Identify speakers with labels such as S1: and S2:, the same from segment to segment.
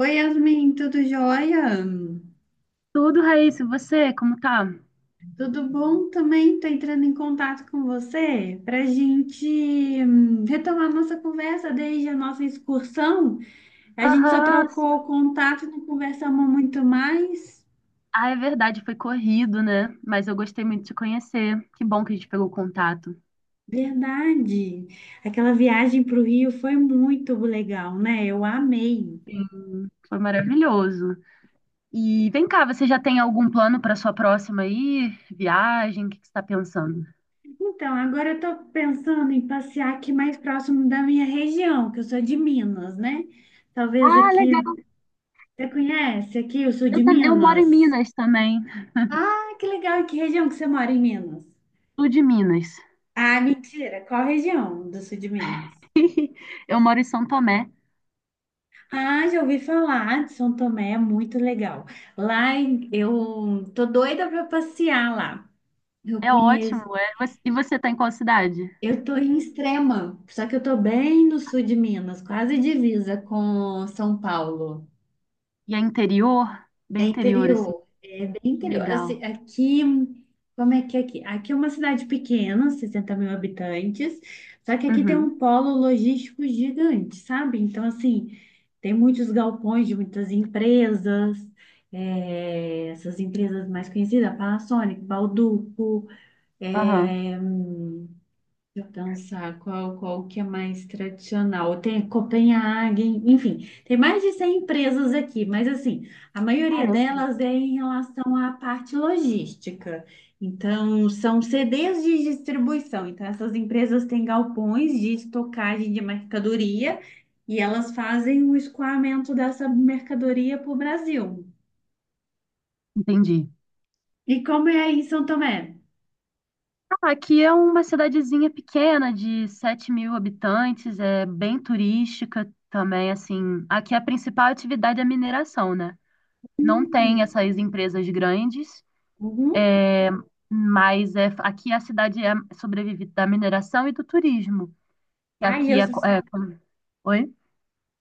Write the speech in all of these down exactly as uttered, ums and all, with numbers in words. S1: Oi, Yasmin, tudo jóia?
S2: Tudo, Raíssa, e você, como tá?
S1: Tudo bom também? Estou entrando em contato com você para a gente hum, retomar nossa conversa desde a nossa excursão. A gente só
S2: Aham,
S1: trocou
S2: sim.
S1: contato e não conversamos muito mais.
S2: Ah, é verdade, foi corrido, né? Mas eu gostei muito de te conhecer. Que bom que a gente pegou contato.
S1: Verdade. Aquela viagem para o Rio foi muito legal, né? Eu amei.
S2: Sim, foi maravilhoso. E vem cá, você já tem algum plano para sua próxima aí? Viagem? O que que você está pensando?
S1: Então, agora eu estou pensando em passear aqui mais próximo da minha região, que eu sou de Minas, né? Talvez
S2: Ah,
S1: aqui.
S2: legal.
S1: Você conhece aqui o sul
S2: Eu,
S1: de
S2: tam- eu moro em
S1: Minas?
S2: Minas também,
S1: Ah, que legal! E que região que você mora em Minas?
S2: sul de Minas.
S1: Ah, mentira! Qual região do sul de Minas?
S2: Eu moro em São Tomé.
S1: Ah, já ouvi falar de São Tomé, é muito legal. Lá em- eu tô doida para passear lá. Eu
S2: É ótimo,
S1: conheço.
S2: é. Você- E você tá em qual cidade?
S1: Eu tô em Extrema, só que eu tô bem no sul de Minas, quase divisa com São Paulo.
S2: E é interior?
S1: É
S2: Bem interior, assim.
S1: interior, é bem interior. Assim,
S2: Legal.
S1: aqui, como é que é aqui? Aqui é uma cidade pequena, sessenta mil habitantes, só que aqui tem
S2: Uhum.
S1: um polo logístico gigante, sabe? Então, assim, tem muitos galpões de muitas empresas, é, essas empresas mais conhecidas, Panasonic, Bauducco,
S2: Aham.
S1: eu dançar, qual, qual que é mais tradicional? Tem Copenhague, enfim, tem mais de cem empresas aqui, mas assim, a maioria
S2: Caramba.
S1: delas é em relação à parte logística. Então, são C Ds de distribuição. Então, essas empresas têm galpões de estocagem de mercadoria e elas fazem o escoamento dessa mercadoria para o Brasil.
S2: Entendi.
S1: E como é aí em São Tomé?
S2: Ah, aqui é uma cidadezinha pequena de sete mil habitantes, é bem turística também, assim. Aqui a principal atividade é a mineração, né? Não tem essas empresas grandes,
S1: Uhum.
S2: é, mas é, aqui a cidade é, sobrevive da mineração e do turismo. E
S1: Ai,
S2: aqui
S1: eu
S2: é,
S1: sou,
S2: co- é... co- Oi?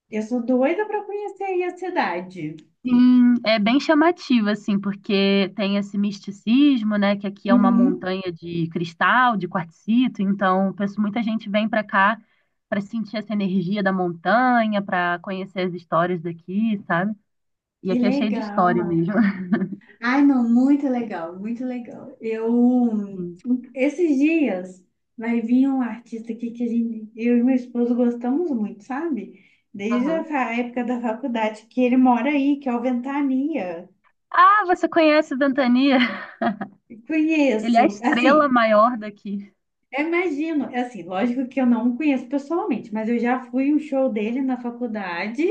S1: eu sou doida para conhecer aí a cidade.
S2: Sim, é bem chamativo, assim, porque tem esse misticismo, né, que aqui é uma
S1: Uhum,
S2: montanha de cristal, de quartzito, então pesso- muita gente vem para cá para sentir essa energia da montanha, para conhecer as histórias daqui, sabe? E
S1: que
S2: aqui é cheio de história
S1: legal.
S2: mesmo.
S1: Ai, não, muito legal, muito legal. Eu,
S2: Sim.
S1: esses dias, vai vir um artista aqui que a gente, eu e meu esposo gostamos muito, sabe? Desde a
S2: Aham.
S1: fa- época da faculdade, que ele mora aí, que é o Ventania.
S2: Ah, você conhece o Ventania? Ele é a
S1: Conheço,
S2: estrela
S1: assim.
S2: maior daqui.
S1: Eu imagino, é assim, lógico que eu não o conheço pessoalmente, mas eu já fui um show dele na faculdade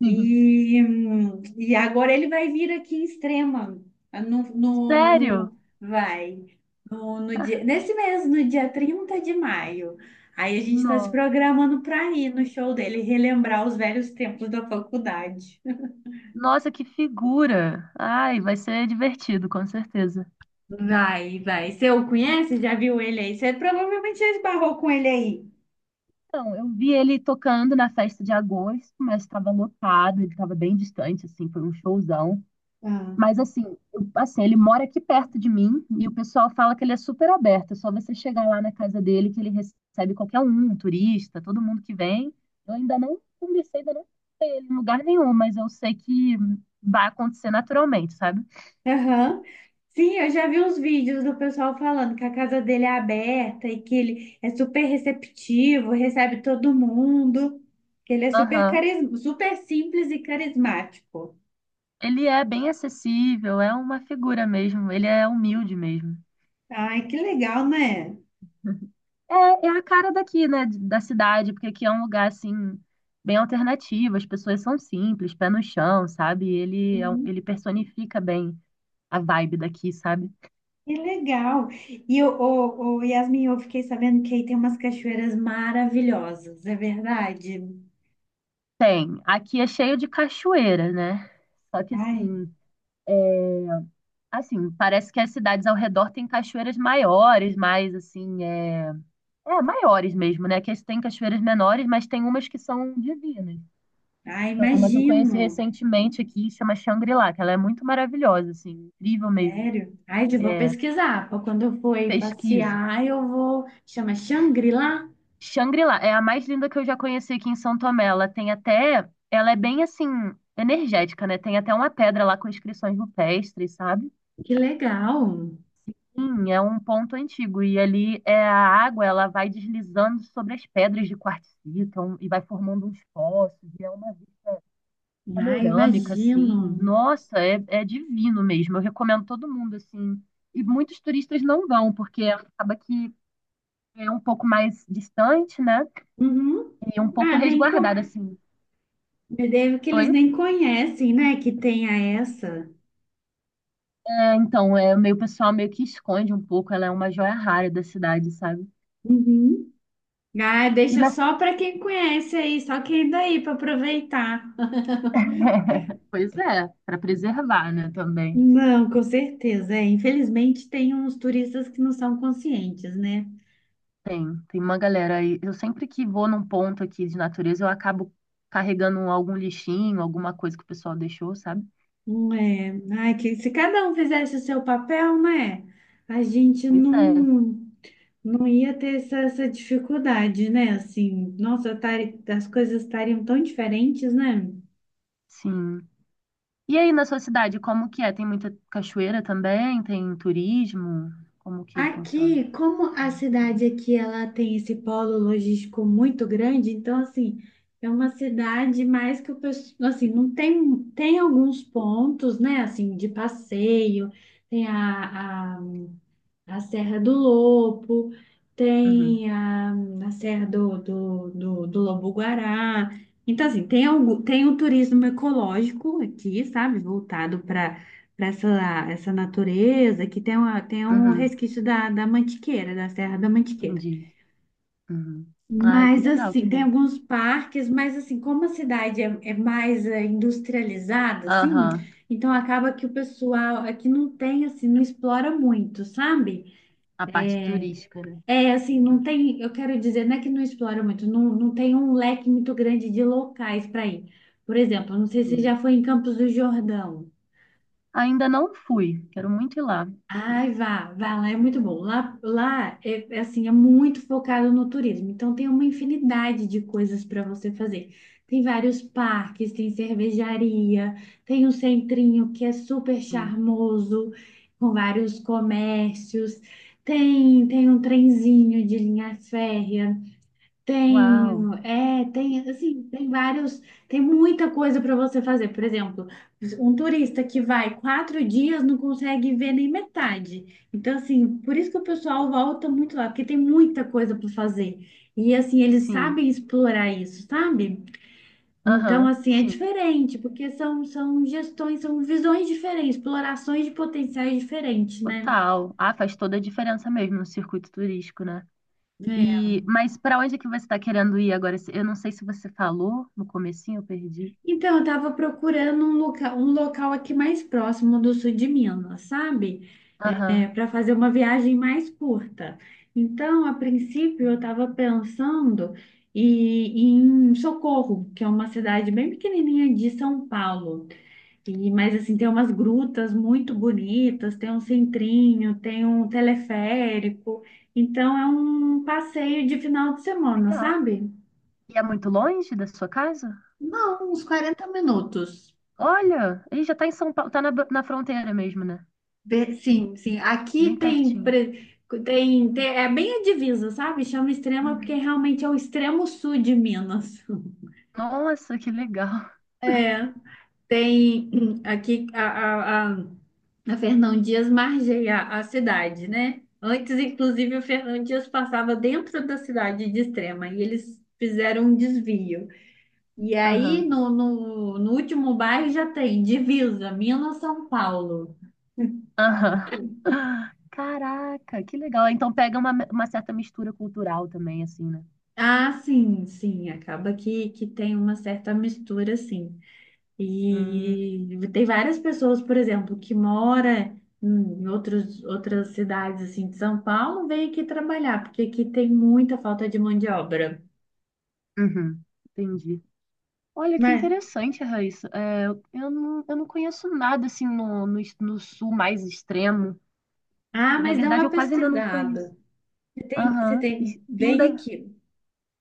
S2: Sim.
S1: e, hum, e agora ele vai vir aqui em Extrema, no, no,
S2: Sério?
S1: no- vai, no, no dia, nesse mês, no dia trinta de maio. Aí a gente está se
S2: Não.
S1: programando para ir no show dele, relembrar os velhos tempos da faculdade.
S2: Nossa, que figura! Ai, vai ser divertido, com certeza.
S1: Vai, vai. Você o conhece? Já viu ele aí? Você provavelmente já esbarrou com ele
S2: Então, eu vi ele tocando na festa de agosto, mas estava lotado, ele estava bem distante, assim, foi um showzão.
S1: aí.
S2: Mas assim, eu- assim, ele mora aqui perto de mim e o pessoal fala que ele é super aberto, é só você chegar lá na casa dele que ele recebe qualquer um, um turista, todo mundo que vem. Eu ainda não conversei, ainda não vi ele em lugar nenhum, mas eu sei que vai acontecer naturalmente, sabe?
S1: Aham. Sim, eu já vi uns vídeos do pessoal falando que a casa dele é aberta e que ele é super receptivo, recebe todo mundo, que ele é super
S2: Aham.
S1: carisma, super simples e carismático.
S2: Ele é bem acessível, é uma figura mesmo, ele é humilde mesmo.
S1: Ai, que legal, né?
S2: É, é a cara daqui, né, de- da cidade, porque aqui é um lugar, assim, bem alternativo, as pessoas são simples, pé no chão, sabe? Ele, é um-
S1: Uhum.
S2: ele personifica bem a vibe daqui, sabe?
S1: Que legal. E o, o, o Yasmin, eu fiquei sabendo que aí tem umas cachoeiras maravilhosas, é verdade?
S2: Tem, aqui é cheio de cachoeira, né? Só que,
S1: Ai,
S2: assim, assim, parece que as cidades ao redor têm cachoeiras maiores, mais, assim, é. É, maiores mesmo, né? Que tem cachoeiras menores, mas tem umas que são divinas.
S1: ai,
S2: Tem uma que eu conheci
S1: imagino.
S2: recentemente aqui, chama Shangri-La, que ela é muito maravilhosa, assim, incrível mesmo.
S1: Sério? Ai, eu vou
S2: É,
S1: pesquisar. Pra quando eu for aí
S2: pesquise.
S1: passear, eu vou. Chama Shangri-La?
S2: Shangri-La é a mais linda que eu já conheci aqui em São Tomé. Ela tem até. Ela é bem assim, energética, né? Tem até uma pedra lá com inscrições rupestres, sabe?
S1: Que legal!
S2: Sim, é um ponto antigo. E ali é a água, ela vai deslizando sobre as pedras de quartzito um- e vai formando uns poços. E é uma vista
S1: Ai,
S2: panorâmica, assim.
S1: imagino.
S2: Nossa, é, é divino mesmo. Eu recomendo todo mundo, assim. E muitos turistas não vão, porque acaba que é um pouco mais distante, né?
S1: Uhum.
S2: E um pouco
S1: Ah, nem
S2: resguardada,
S1: co...
S2: assim.
S1: Deve que eles
S2: Oi?
S1: nem conhecem, né? Que tenha essa.
S2: É, então, é, meio, o pessoal meio que esconde um pouco, ela é uma joia rara da cidade, sabe?
S1: Uhum. Ah,
S2: E
S1: deixa
S2: na...
S1: só para quem conhece aí, só quem é daí para aproveitar.
S2: Pois é, para preservar, né, também.
S1: Não, com certeza. É, infelizmente tem uns turistas que não são conscientes, né?
S2: Tem, tem uma galera aí. Eu sempre que vou num ponto aqui de natureza, eu acabo carregando algum lixinho, alguma coisa que o pessoal deixou, sabe?
S1: Não é. Ai, que se cada um fizesse o seu papel, né? A gente
S2: Pois é,
S1: não, não ia ter essa, essa dificuldade, né? Assim, nossa, tari- as coisas estariam tão diferentes, né?
S2: sim. E aí na sua cidade, como que é? Tem muita cachoeira também? Tem turismo? Como que funciona?
S1: Aqui, como a cidade aqui ela tem esse polo logístico muito grande, então assim, é uma cidade mais que o pessoal, assim, não tem tem alguns pontos, né, assim, de passeio, tem a, a Serra do Lopo,
S2: Uhum,
S1: tem a, a Serra do, do, do, do Lobo-Guará. Então, assim, tem, algum, tem um turismo ecológico aqui, sabe? Voltado para para essa, essa natureza, que tem, uma, tem um
S2: uhum,
S1: resquício da, da Mantiqueira, da Serra da Mantiqueira.
S2: entendi. Uhum. Ai, que
S1: Mas,
S2: legal, que
S1: assim, tem
S2: bom.
S1: alguns parques, mas, assim, como a cidade é, é mais eh, industrializada, assim,
S2: Aham,
S1: então acaba que o pessoal aqui não tem, assim, não explora muito, sabe?
S2: a parte
S1: É,
S2: turística, né?
S1: é assim, não tem, eu quero dizer, não é que não explora muito, não, não tem um leque muito grande de locais para ir. Por exemplo, não sei se você
S2: Hum.
S1: já foi em Campos do Jordão.
S2: Ainda não fui, quero muito ir lá.
S1: Ai, vá, vá lá, é muito bom. Lá, lá é é assim, é muito focado no turismo, então tem uma infinidade de coisas para você fazer. Tem vários parques, tem cervejaria, tem um centrinho que é super
S2: Hum.
S1: charmoso, com vários comércios. Tem, tem um trenzinho de linha férrea.
S2: Uau,
S1: Tenho, é, tem, assim, tem vários, tem muita coisa para você fazer. Por exemplo, um turista que vai quatro dias não consegue ver nem metade. Então, assim, por isso que o pessoal volta muito lá, porque tem muita coisa para fazer. E, assim, eles
S2: sim.
S1: sabem explorar isso, sabe? Então,
S2: Aham,
S1: assim, é
S2: sim.
S1: diferente, porque são, são gestões, são visões diferentes, explorações de potenciais diferentes, né?
S2: Total. Ah, faz toda a diferença mesmo no circuito turístico, né?
S1: É.
S2: E, mas para onde é que você está querendo ir agora? Eu não sei se você falou no comecinho, eu perdi.
S1: Então, eu tava procurando um local, um local aqui mais próximo do sul de Minas, sabe? É,
S2: Aham,
S1: para fazer uma viagem mais curta. Então, a princípio, eu estava pensando e- em Socorro, que é uma cidade bem pequenininha de São Paulo. E, mas, assim, tem umas grutas muito bonitas, tem um centrinho, tem um teleférico. Então, é um passeio de final de semana,
S2: legal.
S1: sabe?
S2: E é muito longe da sua casa?
S1: Não, uns quarenta minutos.
S2: Olha, ele já tá em São Paulo, tá na, na fronteira mesmo, né?
S1: Be- Sim, sim.
S2: Bem
S1: Aqui tem,
S2: pertinho.
S1: pre- tem, tem- é bem a divisa, sabe? Chama extrema porque
S2: Uhum.
S1: realmente é o extremo sul de Minas.
S2: Nossa, que legal.
S1: É, tem hum, aqui a, a, a, a Fernão Dias margeia a cidade, né? Antes, inclusive, o Fernão Dias passava dentro da cidade de Extrema e eles fizeram um desvio. E aí,
S2: Aham,
S1: no, no, no último bairro já tem divisa, Minas-São Paulo.
S2: aham. Caraca, que legal. Então pega uma, uma certa mistura cultural também, assim, né?
S1: Ah, sim, sim, acaba que, que tem uma certa mistura, sim.
S2: Hum,
S1: E tem várias pessoas, por exemplo, que mora em outros, outras cidades, assim, de São Paulo, vem aqui trabalhar, porque aqui tem muita falta de mão de obra.
S2: uhum, entendi. Olha que
S1: Mas,
S2: interessante, Raíssa. É, eu não, eu não conheço nada assim no, no, no sul mais extremo.
S1: ah,
S2: Na
S1: mas dá
S2: verdade,
S1: uma
S2: eu quase ainda não conheço.
S1: pesquisada. Tem- você
S2: Aham. E
S1: tem, vem
S2: ainda,
S1: aqui.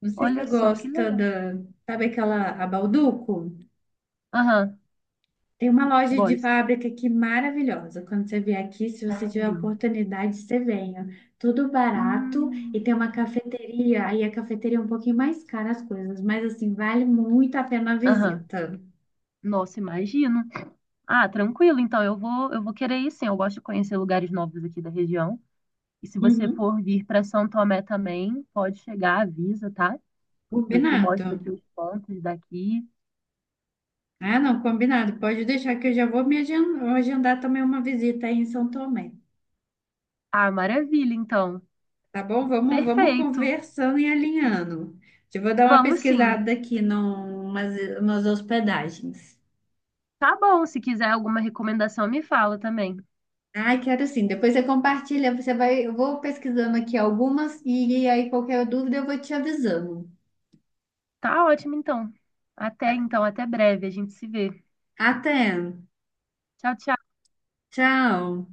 S1: Não sei se
S2: olha
S1: você
S2: só que
S1: gosta
S2: legal.
S1: da, sabe aquela, a Balduco?
S2: Aham,
S1: Tem uma loja de
S2: gosto.
S1: fábrica aqui maravilhosa. Quando você vier aqui, se você tiver
S2: Sério.
S1: oportunidade, você venha. Tudo barato e
S2: Hum,
S1: tem uma cafeteria. Aí a cafeteria é um pouquinho mais cara as coisas, mas assim, vale muito a pena a
S2: Aham.
S1: visita.
S2: Nossa, imagino. Ah, tranquilo. Então, eu vou, eu vou querer ir sim. Eu gosto de conhecer lugares novos aqui da região. E se você
S1: Uhum.
S2: for vir para São Tomé também, pode chegar, avisa, tá? Eu te
S1: Combinado.
S2: mostro aqui os pontos daqui.
S1: Ah, não, combinado. Pode deixar que eu já vou me agen- agendar também uma visita aí em São Tomé.
S2: Ah, maravilha, então.
S1: Tá bom? Vamos, vamos
S2: Perfeito.
S1: conversando e alinhando. Eu vou dar uma
S2: Vamos sim.
S1: pesquisada aqui numas, umas umas hospedagens.
S2: Tá bom. Se quiser alguma recomendação, me fala também.
S1: Ai, quero sim. Depois você compartilha, você vai, eu vou pesquisando aqui algumas e aí qualquer dúvida eu vou te avisando.
S2: Tá ótimo, então. Até então, até breve. A gente se vê.
S1: Até.
S2: Tchau, tchau.
S1: Tchau.